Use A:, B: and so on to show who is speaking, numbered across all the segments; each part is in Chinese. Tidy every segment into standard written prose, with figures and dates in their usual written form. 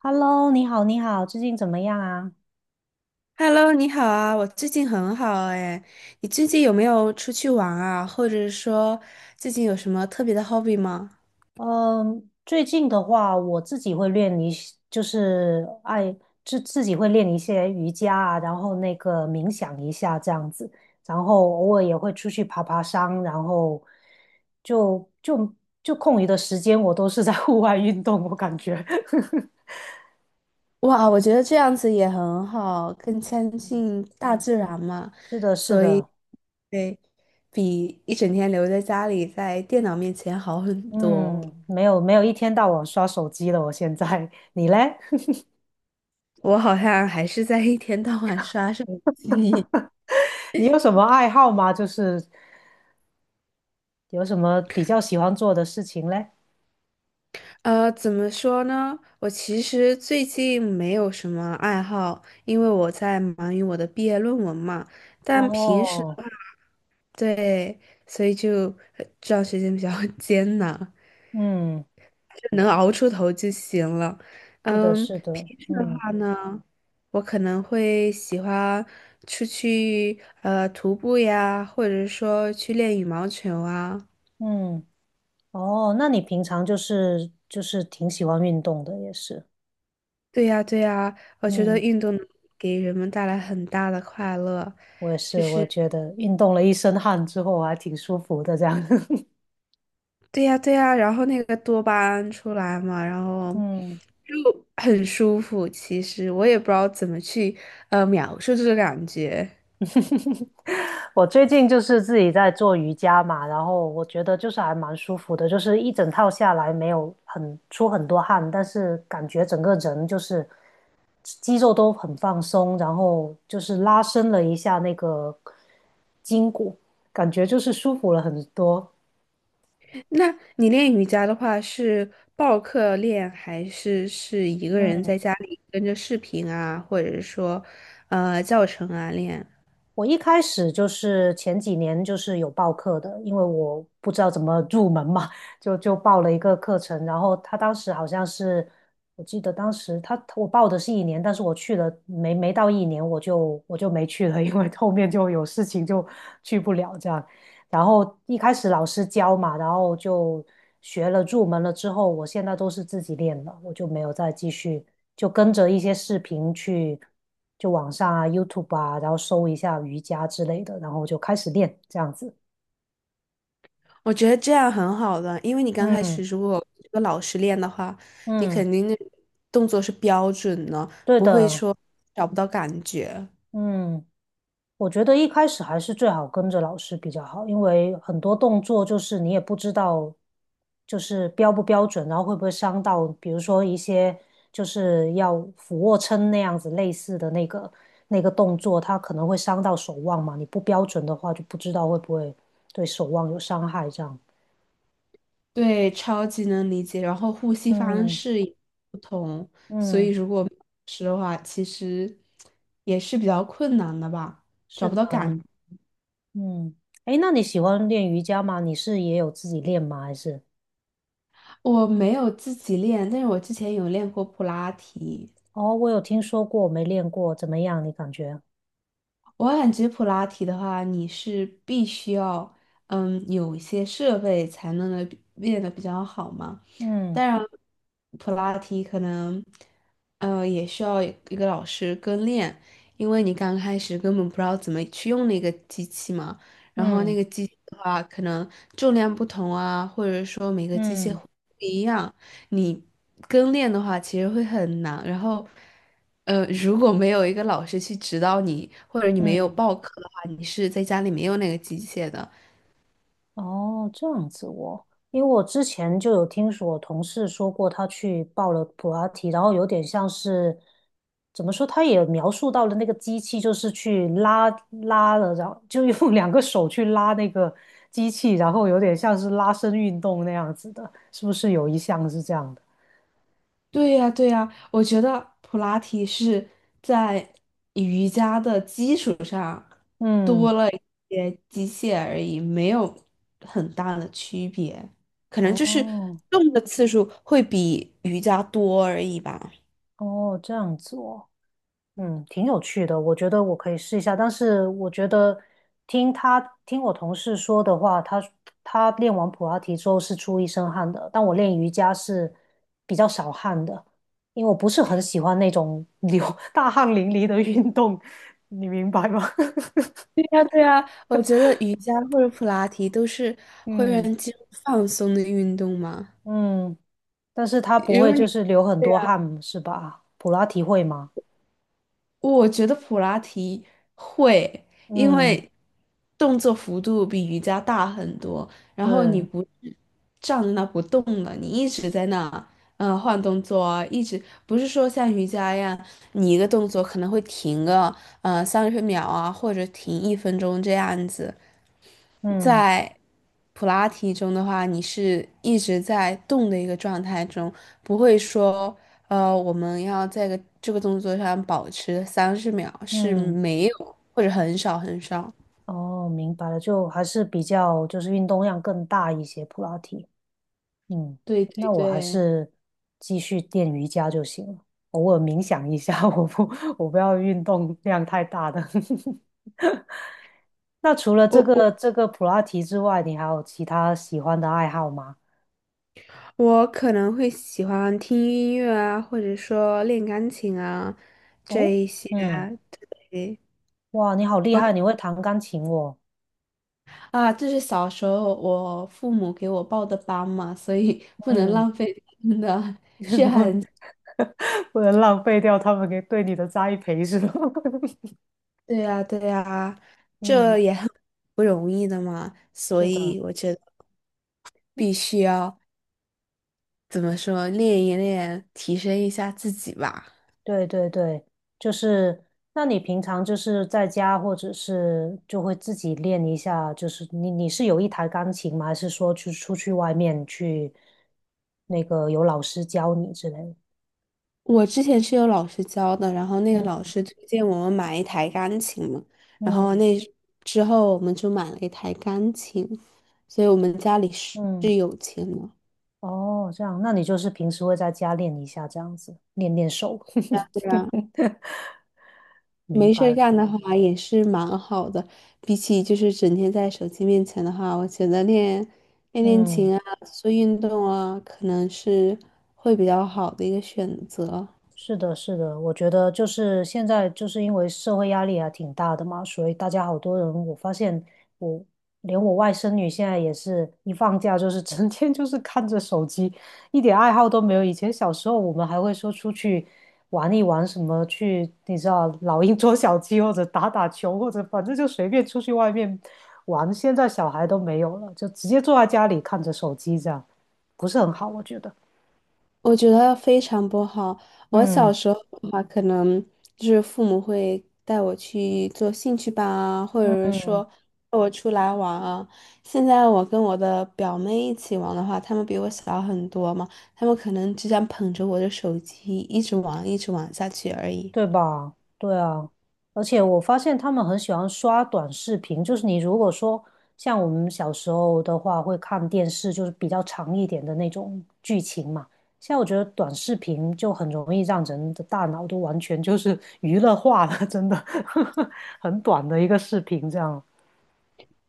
A: Hello，你好，你好，最近怎么样啊？
B: Hello，你好啊，我最近很好哎。你最近有没有出去玩啊？或者说最近有什么特别的 hobby 吗？
A: 嗯，最近的话，我自己会练一些，就是爱自自己会练一些瑜伽啊，然后那个冥想一下这样子，然后偶尔也会出去爬爬山，然后就就就空余的时间，我都是在 户外运动，我感觉。
B: 哇，我觉得这样子也很好，更亲近大自然嘛。
A: 是的，是
B: 所以，
A: 的，
B: 对，比一整天留在家里在电脑面前好很多。
A: 嗯，没有一天到晚刷手机了，我现在，你嘞？
B: 我好像还是在一天到晚刷手机。
A: 你有什么爱好吗？就是有什么比较喜欢做的事情嘞？
B: 怎么说呢？我其实最近没有什么爱好，因为我在忙于我的毕业论文嘛。但平时
A: 哦，
B: 的话，对，所以就这段时间比较 艰难，
A: 嗯，
B: 就能熬出头就行了。
A: 是的，
B: 嗯，
A: 是的，
B: 平时的
A: 嗯
B: 话呢，我可能会喜欢出去徒步呀，或者说去练羽毛球啊。
A: 嗯，哦，那你平常就是挺喜欢运动的，也是。
B: 对呀，对呀，我觉得
A: 嗯，
B: 运动能给人们带来很大的快乐。
A: 我也是，我觉得运动了一身汗之后，我还挺舒服的，这样，
B: 对呀，对呀，然后那个多巴胺出来嘛，然后
A: 嗯。
B: 就很舒服。其实我也不知道怎么去描述这个感觉。
A: 我最近就是自己在做瑜伽嘛，然后我觉得就是还蛮舒服的，就是一整套下来没有很出很多汗，但是感觉整个人就是肌肉都很放松，然后就是拉伸了一下那个筋骨，感觉就是舒服了很多。
B: 那你练瑜伽的话，是报课练，还是一个人在家里跟着视频啊，或者是说教程啊练？
A: 我一开始就是前几年就是有报课的，因为我不知道怎么入门嘛，就报了一个课程。然后他当时好像是，我记得当时我报的是一年，但是我去了没到一年，我就没去了，因为后面就有事情就去不了这样。然后一开始老师教嘛，然后就学了入门了之后，我现在都是自己练了，我就没有再继续，就跟着一些视频去，就网上啊、YouTube 啊，然后搜一下瑜伽之类的，然后就开始练这样子。
B: 我觉得这样很好的，因为你刚开始
A: 嗯
B: 如果这个老师练的话，你
A: 嗯，
B: 肯定那动作是标准的，
A: 对
B: 不会
A: 的，
B: 说找不到感觉。
A: 嗯。我觉得一开始还是最好跟着老师比较好，因为很多动作就是你也不知道，就是标不标准，然后会不会伤到，比如说一些就是要俯卧撑那样子类似的那个动作，它可能会伤到手腕嘛，你不标准的话就不知道会不会对手腕有伤害这样。
B: 对，超级能理解。然后呼吸方
A: 嗯
B: 式也不同，所以
A: 嗯，
B: 如果是的话，其实也是比较困难的吧，找
A: 是
B: 不
A: 的，
B: 到感。
A: 嗯，诶，那你喜欢练瑜伽吗？你是也有自己练吗？还是？
B: 我没有自己练，但是我之前有练过普拉提。
A: 哦，我有听说过，没练过，怎么样？你感觉？
B: 我感觉普拉提的话，你是必须要，有一些设备才能得练得比较好嘛。
A: 嗯
B: 当然，普拉提可能，也需要一个老师跟练，因为你刚开始根本不知道怎么去用那个机器嘛。然后那
A: 嗯
B: 个机器的话，可能重量不同啊，或者说每个机械
A: 嗯
B: 不一样，你跟练的话，其实会很难。然后，如果没有一个老师去指导你，或者你没有
A: 嗯，
B: 报课的话，你是在家里没有那个机械的。
A: 哦，这样子哦，因为我之前就有听说我同事说过，他去报了普拉提，然后有点像是怎么说，他也描述到了那个机器，就是去拉了，然后就用 两个手去拉那个机器，然后有点像是拉伸运动那样子的，是不是有一项是这样的？
B: 对呀，对呀，我觉得普拉提是在瑜伽的基础上多
A: 嗯，
B: 了一些机械而已，没有很大的区别，可能就是
A: 哦
B: 动的次数会比瑜伽多而已吧。
A: 哦，这样子哦。嗯，挺有趣的，我觉得我可以试一下。但是我觉得听他听我同事说的话，他练完普拉提之后是出一身汗的，但我练瑜伽是比较少汗的，因为我不是很喜欢那种流 大汗淋漓的运动，你明白吗？
B: 呀，对啊，我觉得瑜伽或者普拉提都是 会让
A: 嗯
B: 肌肉放松的运动嘛。
A: 嗯，但是他不
B: 如
A: 会
B: 果
A: 就
B: 你，
A: 是流很多汗，是吧？普拉提会吗？
B: 我觉得普拉提会，因
A: 嗯，
B: 为动作幅度比瑜伽大很多，然后你
A: 对，
B: 不是站在那不动了，你一直在那，换动作啊，一直不是说像瑜伽一样，你一个动作可能会停个三十秒啊，或者停1分钟这样子。
A: 嗯
B: 在普拉提中的话，你是一直在动的一个状态中，不会说，我们要在个这个动作上保持三十秒，是
A: 嗯。
B: 没有或者很少很少。
A: 哦，明白了，就还是比较就是运动量更大一些，普拉提。嗯，
B: 对对
A: 那我还
B: 对，
A: 是继续练瑜伽就行了，偶尔冥想一下，我不要运动量太大的。那除了
B: 我
A: 这
B: 我
A: 个这个普拉提之外，你还有其他喜欢的爱好吗？
B: 我可能会喜欢听音乐啊，或者说练钢琴啊，这
A: 哦，
B: 一些。
A: 嗯，
B: 对
A: 哇，你好厉
B: ，OK
A: 害，你会弹钢琴哦。
B: 啊，这是小时候我父母给我报的班嘛，所以不能
A: 嗯，
B: 浪费他们的
A: 不不能浪费掉他们给对你的栽培是吧？
B: 对呀，对呀，这
A: 嗯，
B: 也很不容易的嘛，所
A: 是的。
B: 以我觉得必须要怎么说，练一练，提升一下自己吧。
A: 对对对，就是，那你平常就是在家，或者是就会自己练一下，就是你是有一台钢琴吗？还是说去出去外面去那个有老师教你之类的。
B: 我之前是有老师教的，然后那个
A: 嗯
B: 老师推荐我们买一台钢琴嘛，然后
A: 嗯
B: 那之后我们就买了一台钢琴，所以我们家里是
A: 嗯，
B: 是有钱的。啊。
A: 哦，这样，那你就是平时会在家练一下，这样子练练手。
B: 对啊
A: 明
B: 没事
A: 白
B: 儿
A: 了，
B: 干的话也是蛮好的，比起就是整天在手机面前的话，我觉得练练练
A: 嗯。
B: 琴啊，做运动啊，可能是会比较好的一个选择。
A: 是的，是的，我觉得就是现在，就是因为社会压力还挺大的嘛，所以大家好多人，我发现我连我外甥女现在也是一放假就是 整天就是看着手机，一点爱好都没有。以前小时候我们还会说出去玩一玩，什么去你知道老鹰捉小鸡，或者打打球，或者反正就随便出去外面玩。现在小孩都没有了，就直接坐在家里看着手机这样，不是很好，我觉得。
B: 我觉得非常不好。我小
A: 嗯
B: 时候的话，可能就是父母会带我去做兴趣班啊，或者是说
A: 嗯。
B: 带我出来玩啊。现在我跟我的表妹一起玩的话，她们比我小很多嘛，她们可能只想捧着我的手机一直玩，一直玩下去而已。
A: 对吧？对啊，而且我发现他们很喜欢刷短视频，就是你如果说像我们小时候的话，会看电视，就是比较长一点的那种剧情嘛。现在我觉得短视频就很容易让人的大脑都完全就是娱乐化了，真的，很短的一个视频这样。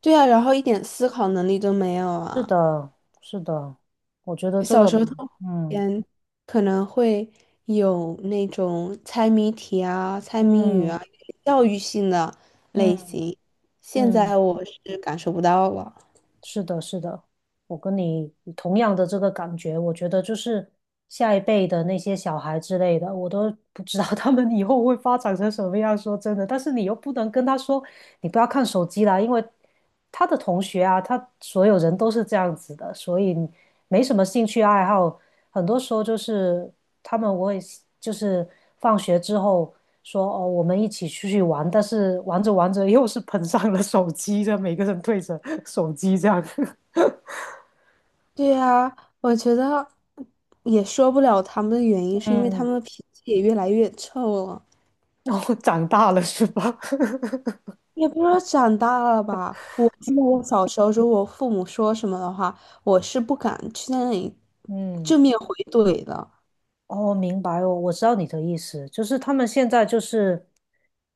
B: 对啊，然后一点思考能力都没有
A: 是
B: 啊。
A: 的，是的，我觉得这
B: 小
A: 个，
B: 时候动物
A: 嗯
B: 园可能会有那种猜谜题啊、猜谜语
A: 嗯
B: 啊，教育性的类
A: 嗯
B: 型。现
A: 嗯。嗯，
B: 在我是感受不到了。
A: 是的，是的，我跟你同样的这个感觉，我觉得就是下一辈的那些小孩之类的，我都 不知道 他们以后会发展成什么样。说真的，但是你又不能跟他说你不要看手机啦，因为他的同学啊，他所有人都是这样子的，所以没什么兴趣爱好，很多时候就是。他们我也就是放学之后说哦，我们一起出去玩，但是玩着玩着又是捧上了手机，这样每个人对着手机这样，
B: 对呀，我觉得也说不了他们的原因，是因为他
A: 嗯，
B: 们的脾气也越来越臭了。
A: 然后长大了是吧？
B: 也不知道长大了吧，我记得我小时候，如果父母说什么的话，我是不敢去那里
A: 嗯。
B: 正面回怼的。
A: 哦，明白哦，我知道你的意思，就是他们现在就是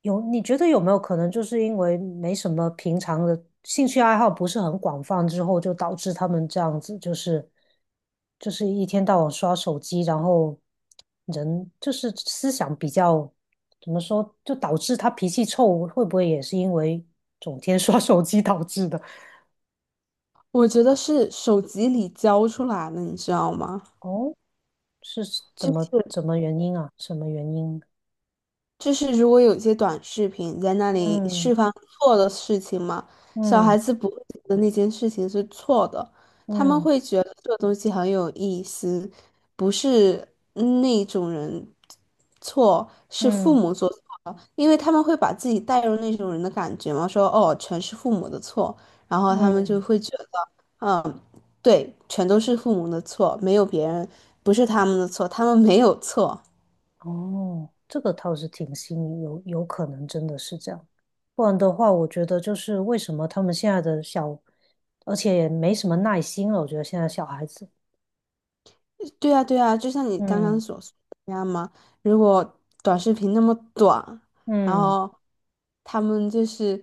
A: 有，你觉得有没有可能就是因为没什么平常的兴趣爱好不是很广泛之后，就导致他们这样子，就是一天到晚刷手机，然后人就是思想比较怎么说，就导致他脾气臭，会不会也是因为整天 刷手机导致的？
B: 我觉得是手机里教出来的，你知道吗？
A: 哦，是怎
B: 就
A: 么
B: 是
A: 怎么原因啊？什么原因？
B: 就是，如果有些短视频在那里
A: 嗯
B: 释放错的事情嘛，小
A: 嗯
B: 孩子不会觉得那件事情是错的，他们
A: 嗯。
B: 会觉得这个东西很有意思，不是那种人错，是父
A: 嗯
B: 母做错了，因为他们会把自己带入那种人的感觉嘛，说哦，全是父母的错，然后他们就
A: 嗯，
B: 会觉得，嗯，对，全都是父母的错，没有别人，不是他们的错，他们没有错。
A: 哦，这个倒是挺新颖，有可能真的是这样。不然的话，我觉得就是为什么他们现在的小，而且也没什么耐心了。我觉得现在小孩子，
B: 对啊，对啊，就像你刚刚
A: 嗯
B: 所说的那样嘛。如果短视频那么短，然
A: 嗯
B: 后他们就是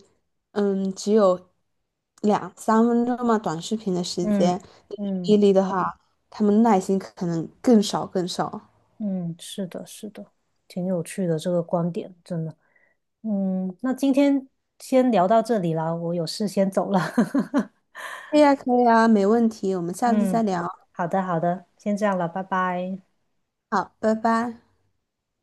B: 只有两三分钟嘛，短视频的时
A: 嗯
B: 间，你去
A: 嗯
B: 毅力的话，他们耐心可能更少更少。
A: 嗯，是的，是的，挺有趣的这个观点，真的。嗯，那今天先聊到这里啦，我有事先走了。
B: 可以呀，可以啊，没问题，我们下次再
A: 嗯，
B: 聊。
A: 好的好的，先这样了，拜拜。
B: 好，拜拜。